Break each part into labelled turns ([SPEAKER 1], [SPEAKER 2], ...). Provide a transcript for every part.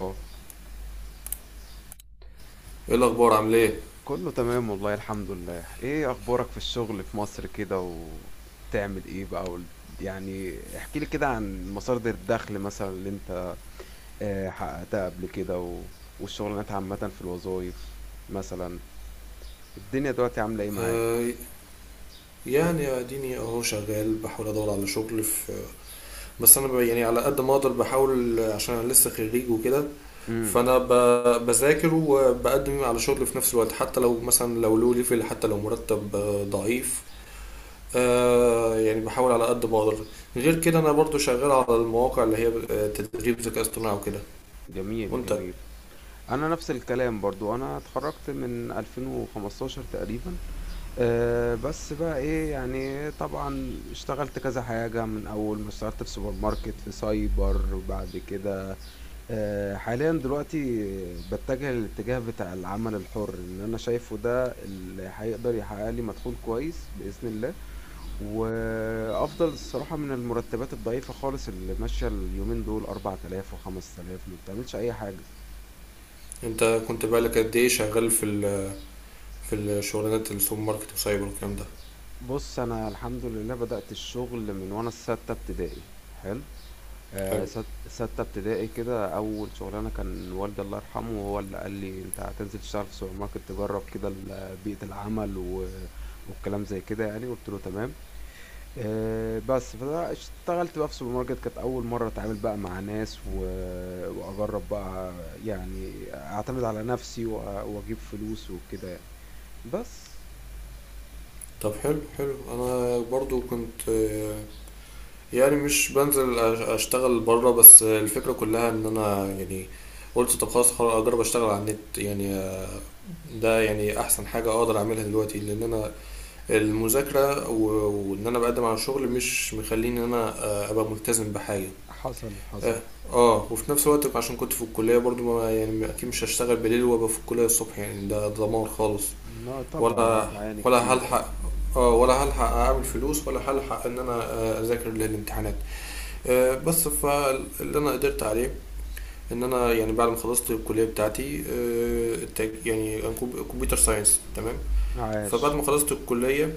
[SPEAKER 1] اه،
[SPEAKER 2] ايه الاخبار عامل ايه؟
[SPEAKER 1] كله تمام والله الحمد لله. ايه اخبارك في الشغل في مصر كده وبتعمل ايه بقى يعني احكي لي كده عن مصادر الدخل مثلا اللي انت حققتها قبل كده والشغلانات عامة في الوظائف مثلا، الدنيا دلوقتي عاملة ايه معاك؟
[SPEAKER 2] آه يعني اديني اهو شغال بحاول ادور على شغل في. يعني على قد ما اقدر بحاول عشان انا لسه خريج وكده.
[SPEAKER 1] امم
[SPEAKER 2] بذاكر وبقدم على شغل في نفس الوقت، حتى لو مثلا لو له ليفل، حتى لو مرتب ضعيف. يعني بحاول على قد ما اقدر. غير كده انا برضو شغال على المواقع اللي هي تدريب ذكاء اصطناعي وكده.
[SPEAKER 1] جميل
[SPEAKER 2] وانت،
[SPEAKER 1] جميل. انا نفس الكلام برضو انا اتخرجت من 2015 تقريبا. بس بقى إيه، يعني طبعًا اشتغلت كذا حاجة، من أول ما اشتغلت في سوبر ماركت، في سايبر، بعد كده. حاليًا دلوقتي باتجه للاتجاه بتاع العمل الحُر، إن أنا شايفه ده اللي هيقدر يحقق لي مدخول كويس بإذن الله، وأفضل الصراحة من المرتبات الضعيفة خالص اللي ماشية اليومين دول. 4000 و5000 ما بتعملش أي حاجة.
[SPEAKER 2] انت كنت بقالك قد ايه شغال في في الشغلانات السوبر ماركت وسايبر والكلام ده؟
[SPEAKER 1] بُص، أنا الحمد لله بدأت الشغل من وأنا في سَتّة ابتدائي، حلو؟
[SPEAKER 2] حلو.
[SPEAKER 1] ستة ابتدائي كده. أول شغلانة كان والدي الله يرحمه هو اللي قال لي أنت هتنزل تشتغل في سوبر ماركت تجرب كده بيئة العمل والكلام زي كده، يعني قلت له تمام. بس فاشتغلت بقى في سوبر ماركت، كانت أول مرة أتعامل بقى مع ناس وأجرب بقى، يعني أعتمد على نفسي وأجيب فلوس وكده يعني. بس
[SPEAKER 2] طب حلو حلو، انا برضو كنت يعني مش بنزل اشتغل بره، بس الفكرة كلها ان انا يعني قلت طب خلاص خلاص اجرب اشتغل على النت يعني، ده يعني احسن حاجة اقدر اعملها دلوقتي لان انا المذاكرة وان انا بقدم على شغل مش مخليني ان انا ابقى ملتزم بحاجة.
[SPEAKER 1] حصل حصل.
[SPEAKER 2] اه، وفي نفس الوقت عشان كنت في الكلية برضو، ما يعني اكيد مش هشتغل بالليل وابقى في الكلية الصبح، يعني ده دمار خالص.
[SPEAKER 1] لا طبعا
[SPEAKER 2] ولا
[SPEAKER 1] هتعاني
[SPEAKER 2] ولا
[SPEAKER 1] كتير، اه.
[SPEAKER 2] هلحق، اه ولا هلحق اعمل فلوس، ولا هلحق ان انا اذاكر للامتحانات. بس فاللي انا قدرت عليه ان انا يعني بعد ما خلصت الكليه بتاعتي، يعني أنا كمبيوتر ساينس، تمام. فبعد
[SPEAKER 1] عاش.
[SPEAKER 2] ما خلصت الكليه،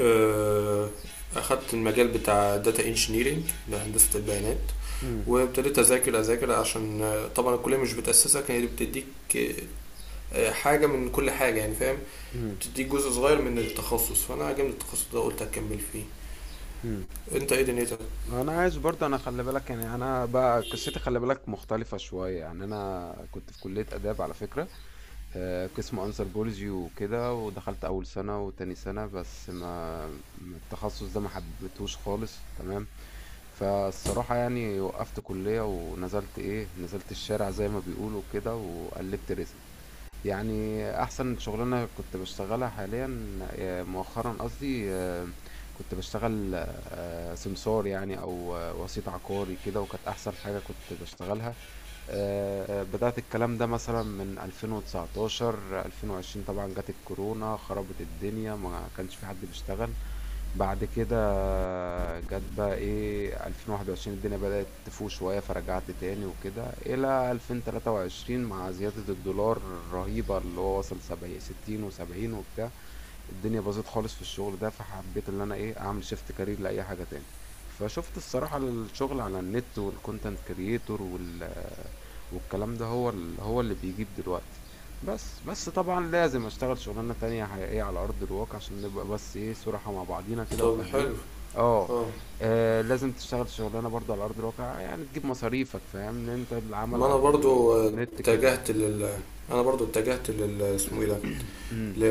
[SPEAKER 2] آه، اخدت المجال بتاع داتا انجينيرينج، ده هندسه البيانات.
[SPEAKER 1] مم.
[SPEAKER 2] وابتديت اذاكر عشان طبعا الكليه مش بتاسسك، هي بتديك آه، حاجه من كل حاجه يعني، فاهم؟
[SPEAKER 1] مم.
[SPEAKER 2] تديك جزء صغير من التخصص، فانا عجبني التخصص ده قلت هكمل فيه.
[SPEAKER 1] مم.
[SPEAKER 2] انت ايه دنيتك؟
[SPEAKER 1] انا عايز برضه، انا خلي بالك، يعني انا بقى قصتي خلي بالك مختلفه شويه. يعني انا كنت في كليه اداب على فكره، قسم انثروبولوجي وكده، ودخلت اول سنه وتاني سنه بس ما التخصص ده ما حبيتهوش خالص، تمام؟ فالصراحه يعني وقفت كليه ونزلت ايه، نزلت الشارع زي ما بيقولوا كده وقلبت رزقي. يعني احسن شغلانه كنت بشتغلها حاليا، مؤخرا قصدي، كنت بشتغل سمسار يعني، او وسيط عقاري كده، وكانت احسن حاجه كنت بشتغلها. بدات الكلام ده مثلا من 2019 2020. طبعا جت الكورونا خربت الدنيا، ما كانش في حد بيشتغل. بعد كده جت بقى ايه، 2021، الدنيا بدأت تفوق شوية فرجعت تاني وكده، إلى 2023 مع زيادة الدولار الرهيبة اللي هو وصل 70 60 و70 وبتاع. الدنيا باظت خالص في الشغل ده، فحبيت ان انا ايه، اعمل شيفت كارير لاي حاجه تاني. فشفت الصراحه الشغل على النت والكونتنت كرييتور والكلام ده هو هو اللي بيجيب دلوقتي. بس طبعا لازم اشتغل شغلانه تانية حقيقيه على ارض الواقع عشان نبقى بس ايه صراحه مع بعضينا كده
[SPEAKER 2] طب
[SPEAKER 1] وفاهمين.
[SPEAKER 2] حلو.
[SPEAKER 1] اه.
[SPEAKER 2] اه،
[SPEAKER 1] لازم تشتغل شغلانه برضه على ارض الواقع يعني تجيب مصاريفك، فاهم ان انت العمل
[SPEAKER 2] ما انا
[SPEAKER 1] على
[SPEAKER 2] برضو
[SPEAKER 1] النت كده يعني.
[SPEAKER 2] اتجهت لل.
[SPEAKER 1] مم.
[SPEAKER 2] انا برضو اتجهت لل، اسمه ايه ده،
[SPEAKER 1] مم.
[SPEAKER 2] ل...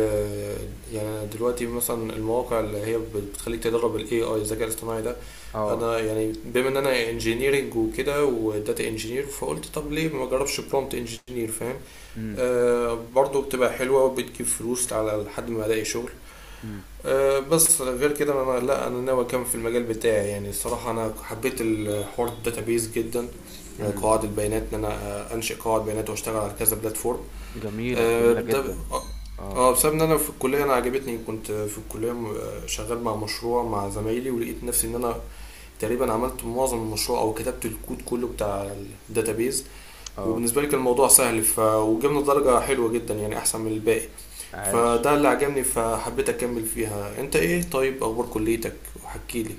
[SPEAKER 2] يعني أنا دلوقتي مثلا المواقع اللي هي بتخليك تدرب الاي اي، الذكاء الاصطناعي ده.
[SPEAKER 1] اه.
[SPEAKER 2] انا يعني بما ان انا انجينيرنج وكده وداتا انجينير، فقلت طب ليه ما اجربش برومبت انجينير، فاهم؟
[SPEAKER 1] مم.
[SPEAKER 2] آه برضو بتبقى حلوه وبتجيب فلوس على لحد ما الاقي شغل.
[SPEAKER 1] مم.
[SPEAKER 2] أه بس غير كده انا، لا انا ناوي اكمل في المجال بتاعي يعني. الصراحه انا حبيت الحوار الداتابيز جدا. أه،
[SPEAKER 1] إمم.
[SPEAKER 2] قواعد البيانات، ان انا أه، انشئ قواعد بيانات واشتغل على كذا بلاتفورم.
[SPEAKER 1] جميلة،
[SPEAKER 2] أه،
[SPEAKER 1] جميلة
[SPEAKER 2] ده،
[SPEAKER 1] جدًا.
[SPEAKER 2] اه،
[SPEAKER 1] آه،
[SPEAKER 2] بسبب ان انا في الكليه انا عجبتني، كنت في الكليه شغال مع مشروع مع زمايلي، ولقيت نفسي ان انا تقريبا عملت معظم المشروع او كتبت الكود كله بتاع الداتابيز.
[SPEAKER 1] آه،
[SPEAKER 2] وبالنسبه لي كان الموضوع سهل ف... وجبنا درجه حلوه جدا يعني، احسن من الباقي.
[SPEAKER 1] عاش.
[SPEAKER 2] فده اللي عجبني فحبيت اكمل فيها. انت ايه طيب، اخبار كليتك، وحكي لي.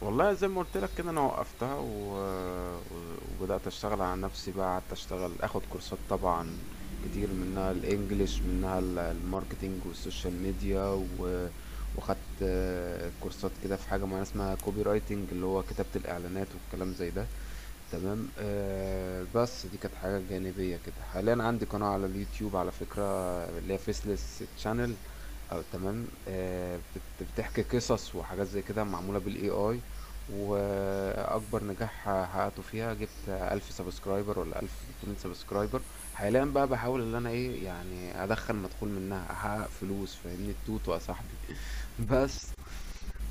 [SPEAKER 1] والله زي ما قلت لك كده انا وقفتها وبدأت اشتغل على نفسي. بقى قعدت اشتغل اخد كورسات طبعا كتير، منها الانجليش، منها الماركتينج والسوشيال ميديا واخدت كورسات كده في حاجة معينة اسمها كوبي رايتنج، اللي هو كتابة الاعلانات والكلام زي ده، تمام؟ آه بس دي كانت حاجة جانبية كده. حاليا عندي قناة على اليوتيوب على فكرة، اللي هي فيسلس تشانل او تمام، آه بتحكي قصص وحاجات زي كده معمولة بالاي اي. واكبر نجاح حققته فيها، جبت 1000 سبسكرايبر ولا 1300 سبسكرايبر. حاليا بقى بحاول ان انا ايه يعني ادخل مدخول منها، احقق فلوس، فاهمني التوت يا صاحبي؟ بس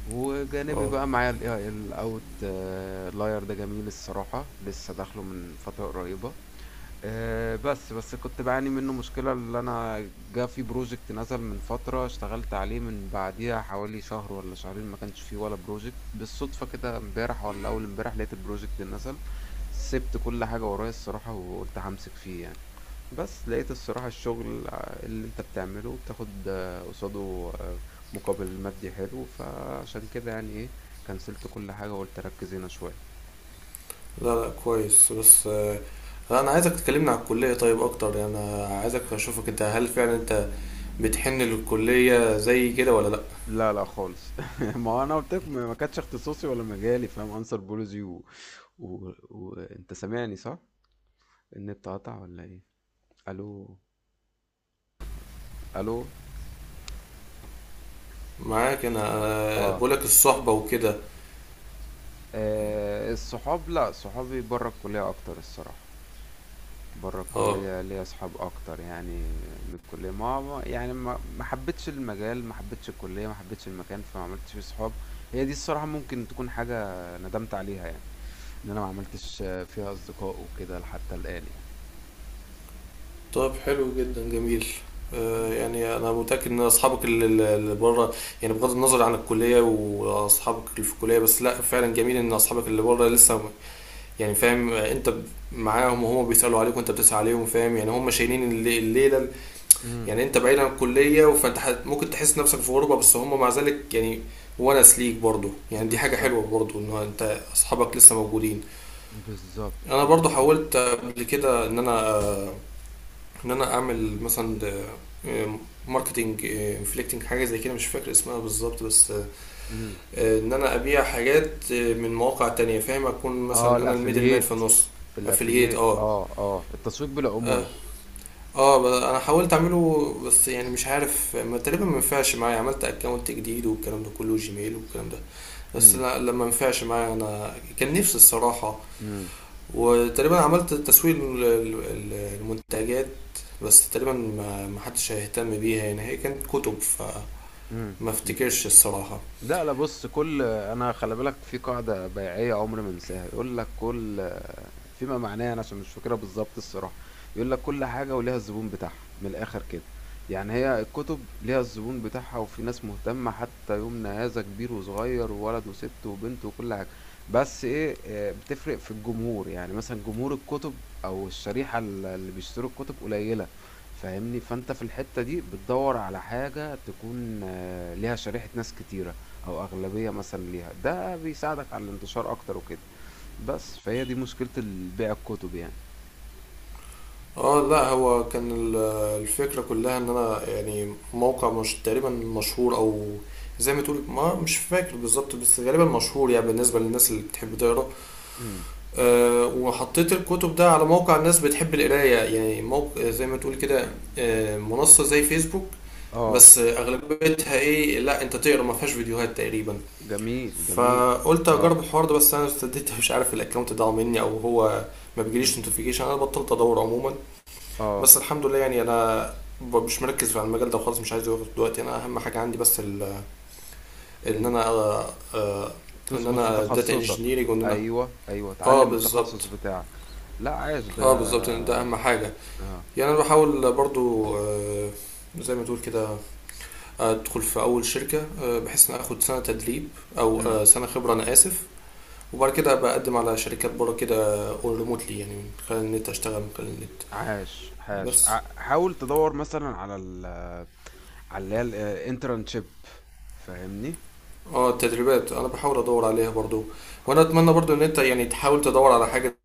[SPEAKER 1] وجانبي
[SPEAKER 2] اه
[SPEAKER 1] بقى معايا الاي اي الاوت لاير ده، جميل الصراحة، لسه داخله من فترة قريبة. بس كنت بعاني منه مشكلة، اللي أنا جا في بروجكت نزل من فترة اشتغلت عليه، من بعديها حوالي شهر ولا شهرين ما كانش فيه ولا بروجكت. بالصدفة كده امبارح ولا أول امبارح لقيت البروجكت ده نزل. سبت كل حاجة ورايا الصراحة وقلت همسك فيه يعني. بس لقيت الصراحة الشغل اللي انت بتعمله بتاخد قصاده مقابل مادي حلو، فعشان كده يعني ايه، كنسلت كل حاجة وقلت ركز هنا شوية.
[SPEAKER 2] لا لا كويس، بس انا عايزك تكلمني على الكليه طيب اكتر، يعني انا عايزك اشوفك انت، هل فعلا انت بتحن للكليه زي كده ولا لا؟
[SPEAKER 1] لا لا خالص. ما هو انا قلت لك ما ما كانتش اختصاصي ولا مجالي، فاهم؟ انسر بولوجي وانت سامعني صح؟ النت قطع ولا ايه؟ الو؟ يا نهار أسود. الو؟ شت.
[SPEAKER 2] معاك انا،
[SPEAKER 1] اه.
[SPEAKER 2] بقولك الصحبه وكده.
[SPEAKER 1] الصحاب، لا صحابي بره الكلية اكتر الصراحة. بره
[SPEAKER 2] اه.
[SPEAKER 1] الكلية ليا اصحاب اكتر يعني من الكلية. يعني ما حبيتش المجال، ما حبيتش الكلية، ما حبيتش المكان، فما عملتش فيه صحاب. هي دي الصراحة ممكن تكون حاجة ندمت عليها يعني، إن أنا ما عملتش فيها أصدقاء وكده حتى الآن يعني.
[SPEAKER 2] طب حلو جدا، جميل.
[SPEAKER 1] اهم.
[SPEAKER 2] يعني انا متاكد ان اصحابك اللي بره يعني، بغض النظر عن الكليه واصحابك اللي في الكليه. بس لا فعلا جميل ان اصحابك اللي بره لسه يعني فاهم، معاهم، وهم بيسالوا عليك وانت بتسال عليهم، فاهم يعني. هم شايلين الليله
[SPEAKER 1] إمم.
[SPEAKER 2] يعني انت بعيد عن الكليه، فانت ممكن تحس نفسك في غربه، بس هم مع ذلك يعني ونس ليك برضه، يعني دي حاجه حلوه
[SPEAKER 1] بالضبط،
[SPEAKER 2] برضه ان انت اصحابك لسه موجودين.
[SPEAKER 1] بالضبط،
[SPEAKER 2] انا برضه
[SPEAKER 1] بالضبط.
[SPEAKER 2] حاولت قبل كده ان انا ان انا اعمل مثلا ماركتنج انفليكتنج، حاجه زي كده مش فاكر اسمها بالظبط، بس
[SPEAKER 1] إمم.
[SPEAKER 2] ان انا ابيع حاجات آه، من مواقع تانية، فاهم، اكون
[SPEAKER 1] آه
[SPEAKER 2] مثلا انا الميدل مان في
[SPEAKER 1] الأفيليت،
[SPEAKER 2] النص. افلييت،
[SPEAKER 1] الأفيليت،
[SPEAKER 2] اه.
[SPEAKER 1] آه، آه، التسويق
[SPEAKER 2] اه،
[SPEAKER 1] بالعمولة.
[SPEAKER 2] انا حاولت اعمله، بس يعني مش عارف ما تقريبا ما ينفعش معايا، عملت اكونت جديد والكلام ده كله، جيميل والكلام ده. بس
[SPEAKER 1] إمم،
[SPEAKER 2] لا لما ما ينفعش معايا، انا كان نفسي الصراحه.
[SPEAKER 1] إمم،
[SPEAKER 2] وتقريبا عملت تسويق للمنتجات، بس تقريبا ما ما حدش هيهتم بيها يعني، هي كانت كتب فما
[SPEAKER 1] إمم.
[SPEAKER 2] افتكرش الصراحة.
[SPEAKER 1] لا لا، بص، كل، انا خلي بالك في قاعده بيعيه عمري ما انساها، يقول لك كل، فيما معناه، انا عشان مش فاكرها بالظبط الصراحه، يقول لك كل حاجه وليها الزبون بتاعها، من الاخر كده. يعني هي الكتب ليها الزبون بتاعها، وفي ناس مهتمه حتى يومنا هذا، كبير وصغير وولد وست وبنت وكل حاجه. بس ايه، بتفرق في الجمهور، يعني مثلا جمهور الكتب او الشريحه اللي بيشتروا الكتب قليله، فاهمني؟ فانت في الحته دي بتدور على حاجه تكون ليها شريحه ناس كتيره او اغلبية مثلا ليها، ده بيساعدك على الانتشار اكتر وكده. بس فهي دي مشكلة بيع الكتب يعني.
[SPEAKER 2] اه لا هو كان الفكرة كلها ان انا يعني موقع مش تقريبا مشهور او زي ما تقول، ما مش فاكر بالظبط بس غالبا مشهور، يعني بالنسبة للناس اللي بتحب تقرا.
[SPEAKER 1] امم.
[SPEAKER 2] أه وحطيت الكتب ده على موقع الناس بتحب القراية يعني، موقع زي ما تقول كده، أه منصة زي فيسبوك،
[SPEAKER 1] اه.
[SPEAKER 2] بس أغلبيتها إيه لا أنت تقرا، ما فيهاش فيديوهات تقريبا.
[SPEAKER 1] جميل جميل.
[SPEAKER 2] فقلت
[SPEAKER 1] اه.
[SPEAKER 2] أجرب الحوار ده، بس أنا ابتديت مش عارف الأكونت ضاع مني أو هو ما
[SPEAKER 1] مم.
[SPEAKER 2] بيجيليش نوتيفيكيشن، أنا بطلت أدور عموما.
[SPEAKER 1] اه.
[SPEAKER 2] بس الحمد لله يعني أنا مش مركز في المجال ده وخلاص، مش عايز أدور دلوقتي. أنا أهم حاجة عندي بس إن
[SPEAKER 1] ال...
[SPEAKER 2] أنا أه آه، إن
[SPEAKER 1] تظبط في
[SPEAKER 2] أنا داتا
[SPEAKER 1] تخصصك.
[SPEAKER 2] انجينيرنج، وإن أنا
[SPEAKER 1] ايوه ايوه،
[SPEAKER 2] آه
[SPEAKER 1] اتعلم التخصص
[SPEAKER 2] بالظبط.
[SPEAKER 1] بتاعك. لا، عاش ده.
[SPEAKER 2] اه بالظبط، يعني ده اهم حاجه.
[SPEAKER 1] اه.
[SPEAKER 2] يعني انا بحاول برضو زي ما تقول كده ادخل في اول شركه بحيث ان اخد سنه تدريب، او
[SPEAKER 1] امم.
[SPEAKER 2] سنه خبره، انا اسف. وبعد كده ابقى اقدم على شركات بره كده اون ريموتلي، يعني من خلال النت اشتغل من خلال النت.
[SPEAKER 1] عاش عاش،
[SPEAKER 2] بس
[SPEAKER 1] حاول تدور مثلا على على اللي هي الانترنشيب، فاهمني؟
[SPEAKER 2] اه التدريبات انا بحاول ادور عليها برضو، وانا اتمنى برضو ان انت يعني تحاول تدور على حاجه.